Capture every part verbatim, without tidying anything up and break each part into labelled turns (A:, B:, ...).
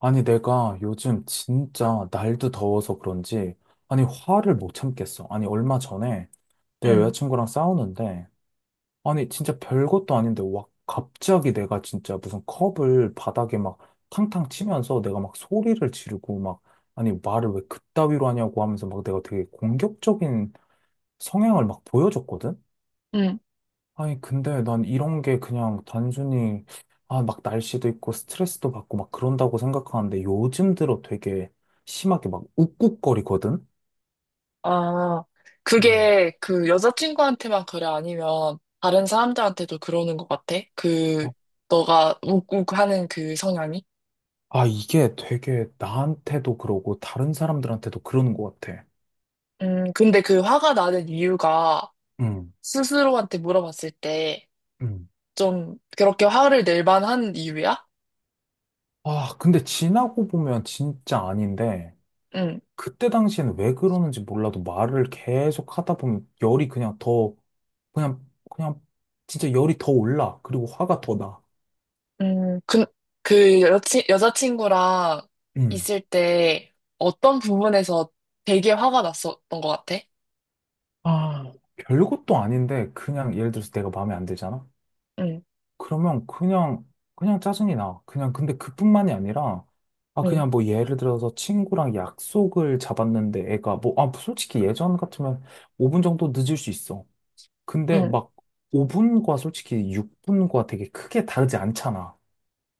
A: 아니, 내가 요즘 진짜 날도 더워서 그런지, 아니, 화를 못 참겠어. 아니, 얼마 전에 내
B: 응.
A: 여자친구랑 싸우는데, 아니, 진짜 별것도 아닌데, 와, 갑자기 내가 진짜 무슨 컵을 바닥에 막 탕탕 치면서 내가 막 소리를 지르고 막, 아니, 말을 왜 그따위로 하냐고 하면서 막 내가 되게 공격적인 성향을 막 보여줬거든?
B: 응.
A: 아니, 근데 난 이런 게 그냥 단순히, 아, 막 날씨도 있고 스트레스도 받고 막 그런다고 생각하는데 요즘 들어 되게 심하게 막 욱욱거리거든?
B: 아,
A: 음.
B: 그게 그 여자친구한테만 그래? 아니면 다른 사람들한테도 그러는 것 같아? 그,
A: 아,
B: 너가 욱욱하는 그 성향이?
A: 아, 이게 되게 나한테도 그러고 다른 사람들한테도 그러는 것 같아.
B: 음, 근데 그 화가 나는 이유가
A: 음,
B: 스스로한테 물어봤을 때
A: 음.
B: 좀 그렇게 화를 낼 만한 이유야?
A: 아, 근데 지나고 보면 진짜 아닌데,
B: 응.
A: 그때 당시에는 왜 그러는지 몰라도 말을 계속 하다 보면 열이 그냥 더, 그냥, 그냥 진짜 열이 더 올라. 그리고 화가 더 나.
B: 음, 그, 그 여친, 여자친구랑 있을 때 어떤 부분에서 되게 화가 났었던 것 같아?
A: 아, 별것도 아닌데 그냥 예를 들어서 내가 마음에 안 들잖아?
B: 응.
A: 그러면 그냥 그냥 짜증이 나. 그냥 근데 그뿐만이 아니라 아
B: 응.
A: 그냥 뭐 예를 들어서 친구랑 약속을 잡았는데 애가 뭐 아 솔직히 예전 같으면 오 분 정도 늦을 수 있어. 근데
B: 응,
A: 막 오 분과 솔직히 육 분과 되게 크게 다르지 않잖아.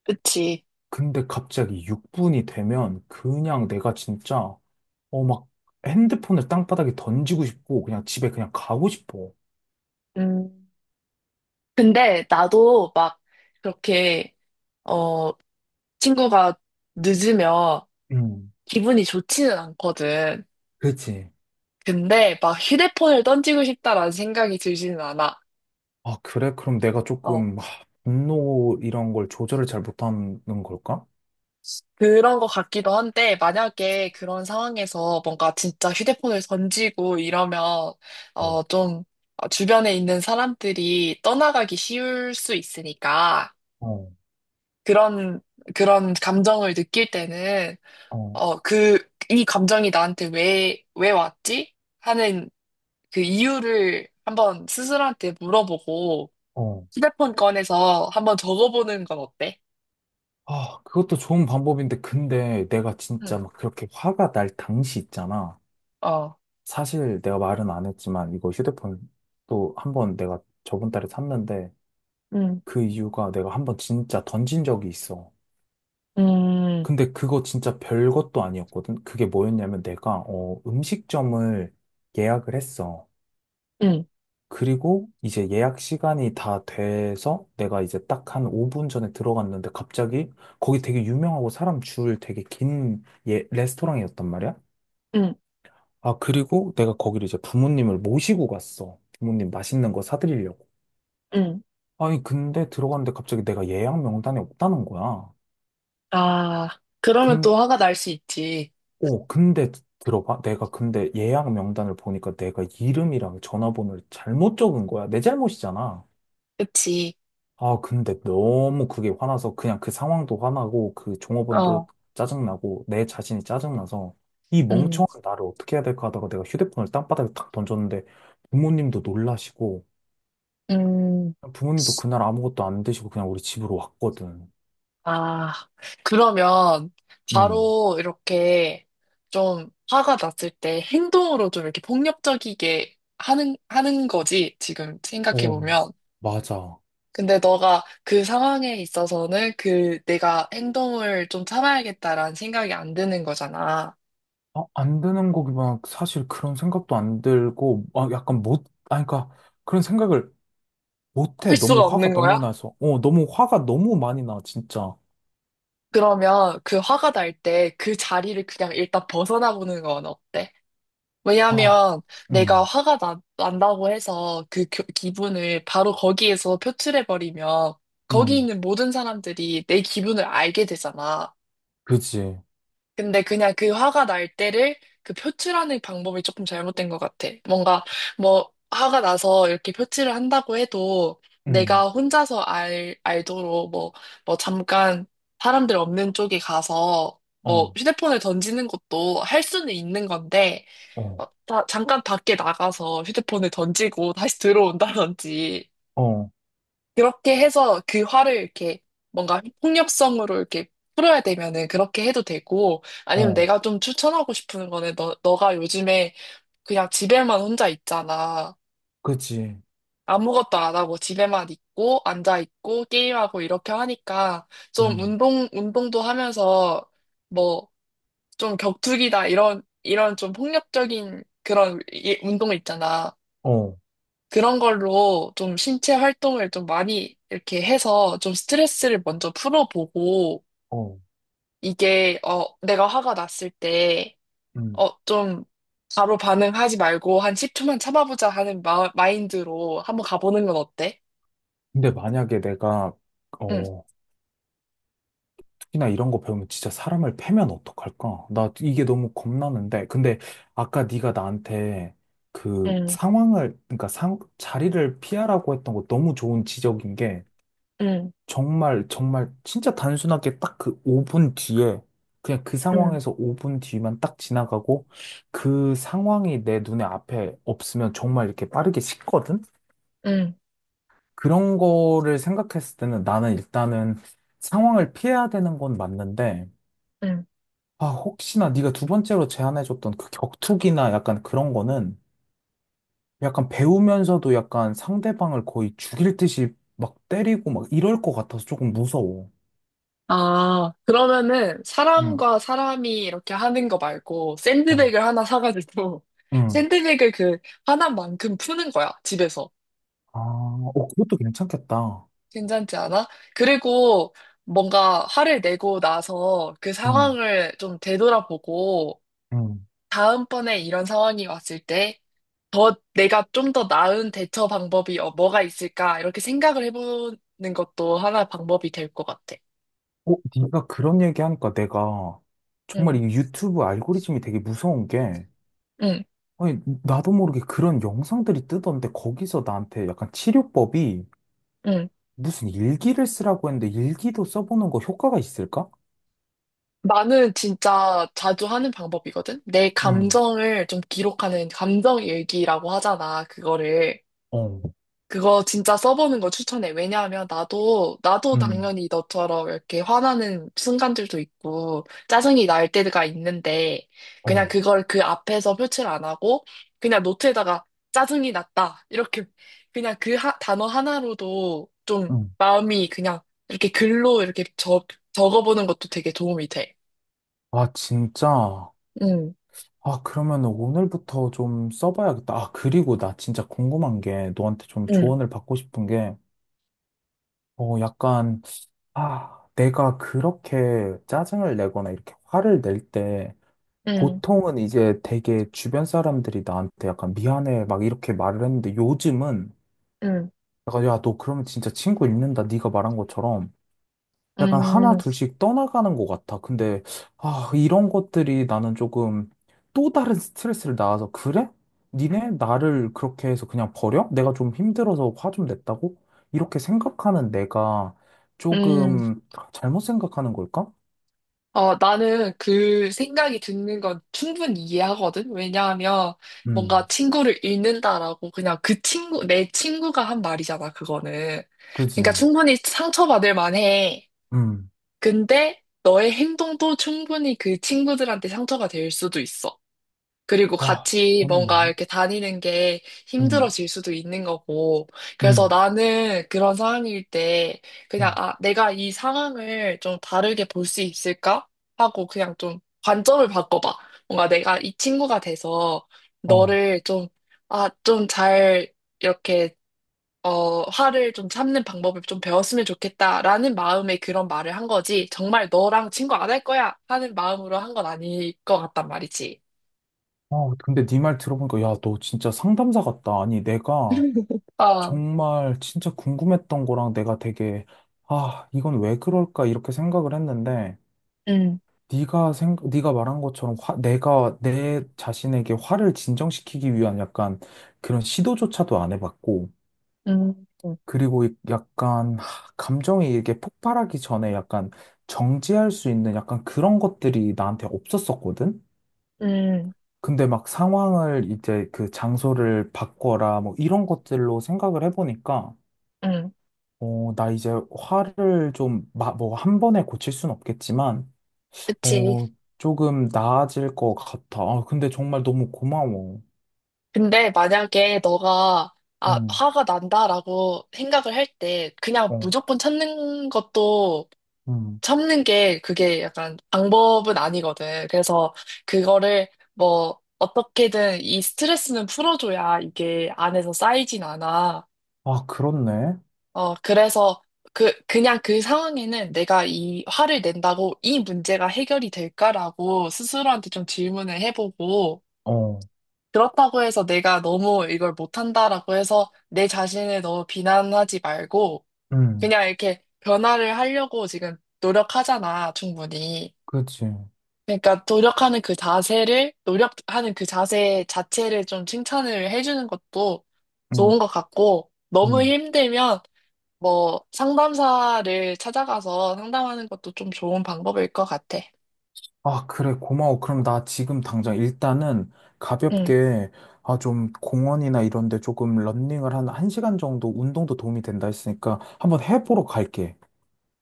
B: 그치.
A: 근데 갑자기 육 분이 되면 그냥 내가 진짜 어 막 핸드폰을 땅바닥에 던지고 싶고 그냥 집에 그냥 가고 싶어.
B: 음. 근데 나도 막 그렇게 어 친구가 늦으면 기분이 좋지는 않거든.
A: 그치.
B: 근데 막 휴대폰을 던지고 싶다라는 생각이 들지는 않아.
A: 아, 그래? 그럼 내가
B: 어,
A: 조금, 하, 분노 이런 걸 조절을 잘 못하는 걸까?
B: 그런 것 같기도 한데 만약에 그런 상황에서 뭔가 진짜 휴대폰을 던지고 이러면
A: 어,
B: 어좀 주변에 있는 사람들이 떠나가기 쉬울 수 있으니까
A: 어,
B: 그런 그런 감정을 느낄 때는
A: 어,
B: 어, 그, 이 감정이 나한테 왜, 왜 왔지? 하는 그 이유를 한번 스스로한테 물어보고
A: 어.
B: 휴대폰 꺼내서 한번 적어보는 건 어때?
A: 아, 그것도 좋은 방법인데, 근데 내가 진짜
B: 응.
A: 막 그렇게 화가 날 당시 있잖아.
B: 어,
A: 사실 내가 말은 안 했지만, 이거 휴대폰 또 한 번 내가 저번 달에 샀는데,
B: 음,
A: 그 이유가 내가 한 번 진짜 던진 적이 있어.
B: 음,
A: 근데 그거 진짜 별것도 아니었거든? 그게 뭐였냐면 내가, 어, 음식점을 예약을 했어.
B: 음,
A: 그리고 이제 예약 시간이 다 돼서 내가 이제 딱 한 오 분 전에 들어갔는데 갑자기 거기 되게 유명하고 사람 줄 되게 긴 예, 레스토랑이었단 말이야.
B: 음,
A: 아, 그리고 내가 거기를 이제 부모님을 모시고 갔어. 부모님 맛있는 거 사드리려고.
B: 음.
A: 아니, 근데 들어갔는데 갑자기 내가 예약 명단에 없다는 거야.
B: 아, 그러면
A: 근,
B: 또 화가 날 수 있지.
A: 오, 근데 들어봐. 내가 근데 예약 명단을 보니까 내가 이름이랑 전화번호를 잘못 적은 거야. 내 잘못이잖아.
B: 그치.
A: 아, 근데 너무 그게 화나서 그냥 그 상황도 화나고 그 종업원도
B: 어,
A: 짜증나고 내 자신이 짜증나서 이
B: 음,
A: 멍청한 나를 어떻게 해야 될까 하다가 내가 휴대폰을 땅바닥에 탁 던졌는데 부모님도 놀라시고
B: 음.
A: 부모님도 그날 아무것도 안 드시고 그냥 우리 집으로 왔거든.
B: 아, 그러면
A: 음.
B: 바로 이렇게 좀 화가 났을 때 행동으로 좀 이렇게 폭력적이게 하는, 하는 거지, 지금
A: 어,
B: 생각해보면.
A: 맞아.
B: 근데 너가 그 상황에 있어서는 그 내가 행동을 좀 참아야겠다라는 생각이 안 드는 거잖아.
A: 아, 안 되는 거기만 사실 그런 생각도 안 들고, 아, 약간 못, 아니, 그러니까 그런 생각을 못 해.
B: 할
A: 너무
B: 수가
A: 화가
B: 없는 거야?
A: 너무 나서. 어, 너무 화가 너무 많이 나, 진짜.
B: 그러면 그 화가 날 때 그 자리를 그냥 일단 벗어나 보는 건 어때?
A: 아,
B: 왜냐하면 내가
A: 음.
B: 화가 나, 난다고 해서 그 겨- 기분을 바로 거기에서 표출해버리면 거기
A: 음,
B: 있는 모든 사람들이 내 기분을 알게 되잖아.
A: 그지.
B: 근데 그냥 그 화가 날 때를 그 표출하는 방법이 조금 잘못된 것 같아. 뭔가 뭐 화가 나서 이렇게 표출을 한다고 해도
A: 음,
B: 내가 혼자서 알, 알도록 뭐, 뭐 잠깐 사람들 없는 쪽에 가서 뭐
A: 어,
B: 휴대폰을 던지는 것도 할 수는 있는 건데
A: 어,
B: 어, 다- 잠깐 밖에 나가서 휴대폰을 던지고 다시 들어온다든지
A: 어,
B: 그렇게 해서 그 화를 이렇게 뭔가 폭력성으로 이렇게 풀어야 되면은 그렇게 해도 되고 아니면
A: 어,
B: 내가 좀 추천하고 싶은 거는 너, 너가 요즘에 그냥 집에만 혼자 있잖아.
A: 그지.
B: 아무것도 안 하고 집에만 있고 앉아 있고 게임하고 이렇게 하니까 좀
A: 음,
B: 운동 운동도 하면서 뭐 좀 격투기다 이런 이런 좀 폭력적인 그런 이- 운동 있잖아.
A: 어,
B: 그런 걸로 좀 신체 활동을 좀 많이 이렇게 해서 좀 스트레스를 먼저 풀어보고
A: 어,
B: 이게 어 내가 화가 났을 때
A: 음.
B: 어 좀 바로 반응하지 말고 한 십 초만 참아보자 하는 마, 마인드로 한번 가보는 건 어때?
A: 근데 만약에 내가,
B: 응,
A: 어, 특히나 이런 거 배우면 진짜 사람을 패면 어떡할까? 나 이게 너무 겁나는데. 근데 아까 네가 나한테 그
B: 응,
A: 상황을, 그러니까 상, 자리를 피하라고 했던 거 너무 좋은 지적인 게
B: 응,
A: 정말, 정말, 진짜 단순하게 딱 그 오 분 뒤에, 그냥 그
B: 응,
A: 상황에서 오 분 뒤만 딱 지나가고, 그 상황이 내 눈에 앞에 없으면 정말 이렇게 빠르게 식거든?
B: 응,
A: 그런 거를 생각했을 때는 나는 일단은 상황을 피해야 되는 건 맞는데,
B: 응.
A: 아, 혹시나 네가 두 번째로 제안해줬던 그 격투기나 약간 그런 거는 약간 배우면서도 약간 상대방을 거의 죽일 듯이 막 때리고 막 이럴 것 같아서 조금 무서워.
B: 아, 그러면은
A: 응.
B: 사람과 사람이 이렇게 하는 거 말고
A: 어.
B: 샌드백을 하나 사가지고
A: 응.
B: 샌드백을 그 화난 만큼 푸는 거야, 집에서.
A: 아, 어, 그것도 괜찮겠다.
B: 괜찮지 않아? 그리고 뭔가 화를 내고 나서 그
A: 응,
B: 상황을 좀 되돌아보고
A: 응.
B: 다음번에 이런 상황이 왔을 때 더 내가 좀 더 나은 대처 방법이 어, 뭐가 있을까? 이렇게 생각을 해보는 것도 하나 방법이 될 것 같아.
A: 어, 네가 그런 얘기하니까 내가 정말 이
B: 응,
A: 유튜브 알고리즘이 되게 무서운 게,
B: 응,
A: 아니, 나도 모르게 그런 영상들이 뜨던데 거기서 나한테 약간 치료법이
B: 응.
A: 무슨 일기를 쓰라고 했는데 일기도 써보는 거 효과가 있을까?
B: 나는 진짜 자주 하는 방법이거든? 내
A: 응,
B: 감정을 좀 기록하는 감정 일기라고 하잖아, 그거를.
A: 어,
B: 그거 진짜 써보는 거 추천해. 왜냐하면 나도, 나도
A: 응,
B: 당연히 너처럼 이렇게 화나는 순간들도 있고, 짜증이 날 때가 있는데, 그냥
A: 어,
B: 그걸 그 앞에서 표출 안 하고, 그냥 노트에다가 짜증이 났다. 이렇게, 그냥 그 하- 단어 하나로도 좀
A: 응.
B: 마음이 그냥 이렇게 글로 이렇게 적, 적어보는 것도 되게 도움이 돼.
A: 아, 진짜.
B: 응,
A: 아, 그러면 오늘부터 좀 써봐야겠다. 아, 그리고 나 진짜 궁금한 게 너한테 좀
B: 응,
A: 조언을 받고 싶은 게, 어, 약간 아, 내가 그렇게 짜증을 내거나 이렇게 화를 낼 때,
B: 응,
A: 보통은 이제 되게 주변 사람들이 나한테 약간 미안해 막 이렇게 말을 했는데 요즘은
B: 응,
A: 약간 야, 너 그러면 진짜 친구 잃는다. 네가 말한 것처럼 약간 하나
B: 응,
A: 둘씩 떠나가는 것 같아. 근데, 아, 이런 것들이 나는 조금 또 다른 스트레스를 낳아서, 그래? 니네 나를 그렇게 해서 그냥 버려? 내가 좀 힘들어서 화 좀 냈다고? 이렇게 생각하는 내가
B: 응.
A: 조금 잘못 생각하는 걸까?
B: 어, 나는 그 생각이 드는 건 충분히 이해하거든? 왜냐하면 뭔가
A: 음,
B: 친구를 잃는다라고 그냥 그 친구, 내 친구가 한 말이잖아, 그거는. 그러니까
A: 그지.
B: 충분히 상처받을 만해.
A: 음,
B: 근데 너의 행동도 충분히 그 친구들한테 상처가 될 수도 있어. 그리고
A: 아,
B: 같이 뭔가
A: 그렇네.
B: 이렇게 다니는 게
A: 음,
B: 힘들어질 수도 있는 거고.
A: 음,
B: 그래서 나는 그런 상황일 때 그냥
A: 음.
B: 아, 내가 이 상황을 좀 다르게 볼 수 있을까? 하고 그냥 좀 관점을 바꿔봐. 뭔가 내가 이 친구가 돼서
A: 어.
B: 너를 좀, 아, 좀 잘 이렇게 어, 화를 좀 참는 방법을 좀 배웠으면 좋겠다라는 마음에 그런 말을 한 거지. 정말 너랑 친구 안 할 거야 하는 마음으로 한 건 아닐 것 같단 말이지.
A: 어, 근데 네 말 들어보니까, 야, 너 진짜 상담사 같다. 아니, 내가
B: 아,
A: 정말 진짜 궁금했던 거랑 내가 되게 아, 이건 왜 그럴까 이렇게 생각을 했는데
B: 음,
A: 네가 생 네가 말한 것처럼 화, 내가 내 자신에게 화를 진정시키기 위한 약간 그런 시도조차도 안 해봤고
B: 음,
A: 그리고 이- 약간 하, 감정이 이게 폭발하기 전에 약간 정지할 수 있는 약간 그런 것들이 나한테 없었었거든.
B: 음,
A: 근데 막 상황을 이제 그 장소를 바꿔라 뭐 이런 것들로 생각을 해보니까
B: 음,
A: 어, 나 이제 화를 좀, 마, 뭐, 한 번에 고칠 순 없겠지만,
B: 그치.
A: 어, 조금 나아질 것 같아. 아, 근데 정말 너무 고마워.
B: 근데 만약에 너가, 아,
A: 음,
B: 화가 난다라고 생각을 할 때, 그냥
A: 어,
B: 무조건 참는 것도,
A: 음.
B: 참는 게 그게 약간 방법은 아니거든. 그래서 그거를 뭐, 어떻게든 이 스트레스는 풀어줘야 이게 안에서 쌓이진 않아.
A: 아, 그렇네.
B: 어, 그래서 그, 그냥 그 상황에는 내가 이 화를 낸다고 이 문제가 해결이 될까라고 스스로한테 좀 질문을 해보고,
A: 어,
B: 그렇다고 해서 내가 너무 이걸 못한다라고 해서 내 자신을 너무 비난하지 말고,
A: 음,
B: 그냥 이렇게 변화를 하려고 지금 노력하잖아, 충분히.
A: 그치.
B: 그러니까 노력하는 그 자세를, 노력하는 그 자세 자체를 좀 칭찬을 해주는 것도 좋은
A: 음,
B: 것 같고, 너무
A: 음.
B: 힘들면 뭐 상담사를 찾아가서 상담하는 것도 좀 좋은 방법일 것 같아.
A: 아, 그래, 고마워. 그럼 나 지금 당장 일단은
B: 응,
A: 가볍게, 아, 좀 공원이나 이런 데 조금 런닝을 한 1시간 정도 운동도 도움이 된다 했으니까 한번 해보러 갈게.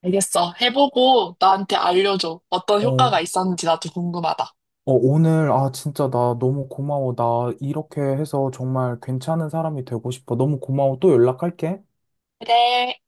B: 알겠어. 해보고 나한테 알려줘. 어떤
A: 어,
B: 효과가 있었는지 나도 궁금하다.
A: 어, 오늘, 아, 진짜 나 너무 고마워. 나 이렇게 해서 정말 괜찮은 사람이 되고 싶어. 너무 고마워. 또 연락할게.
B: 그래.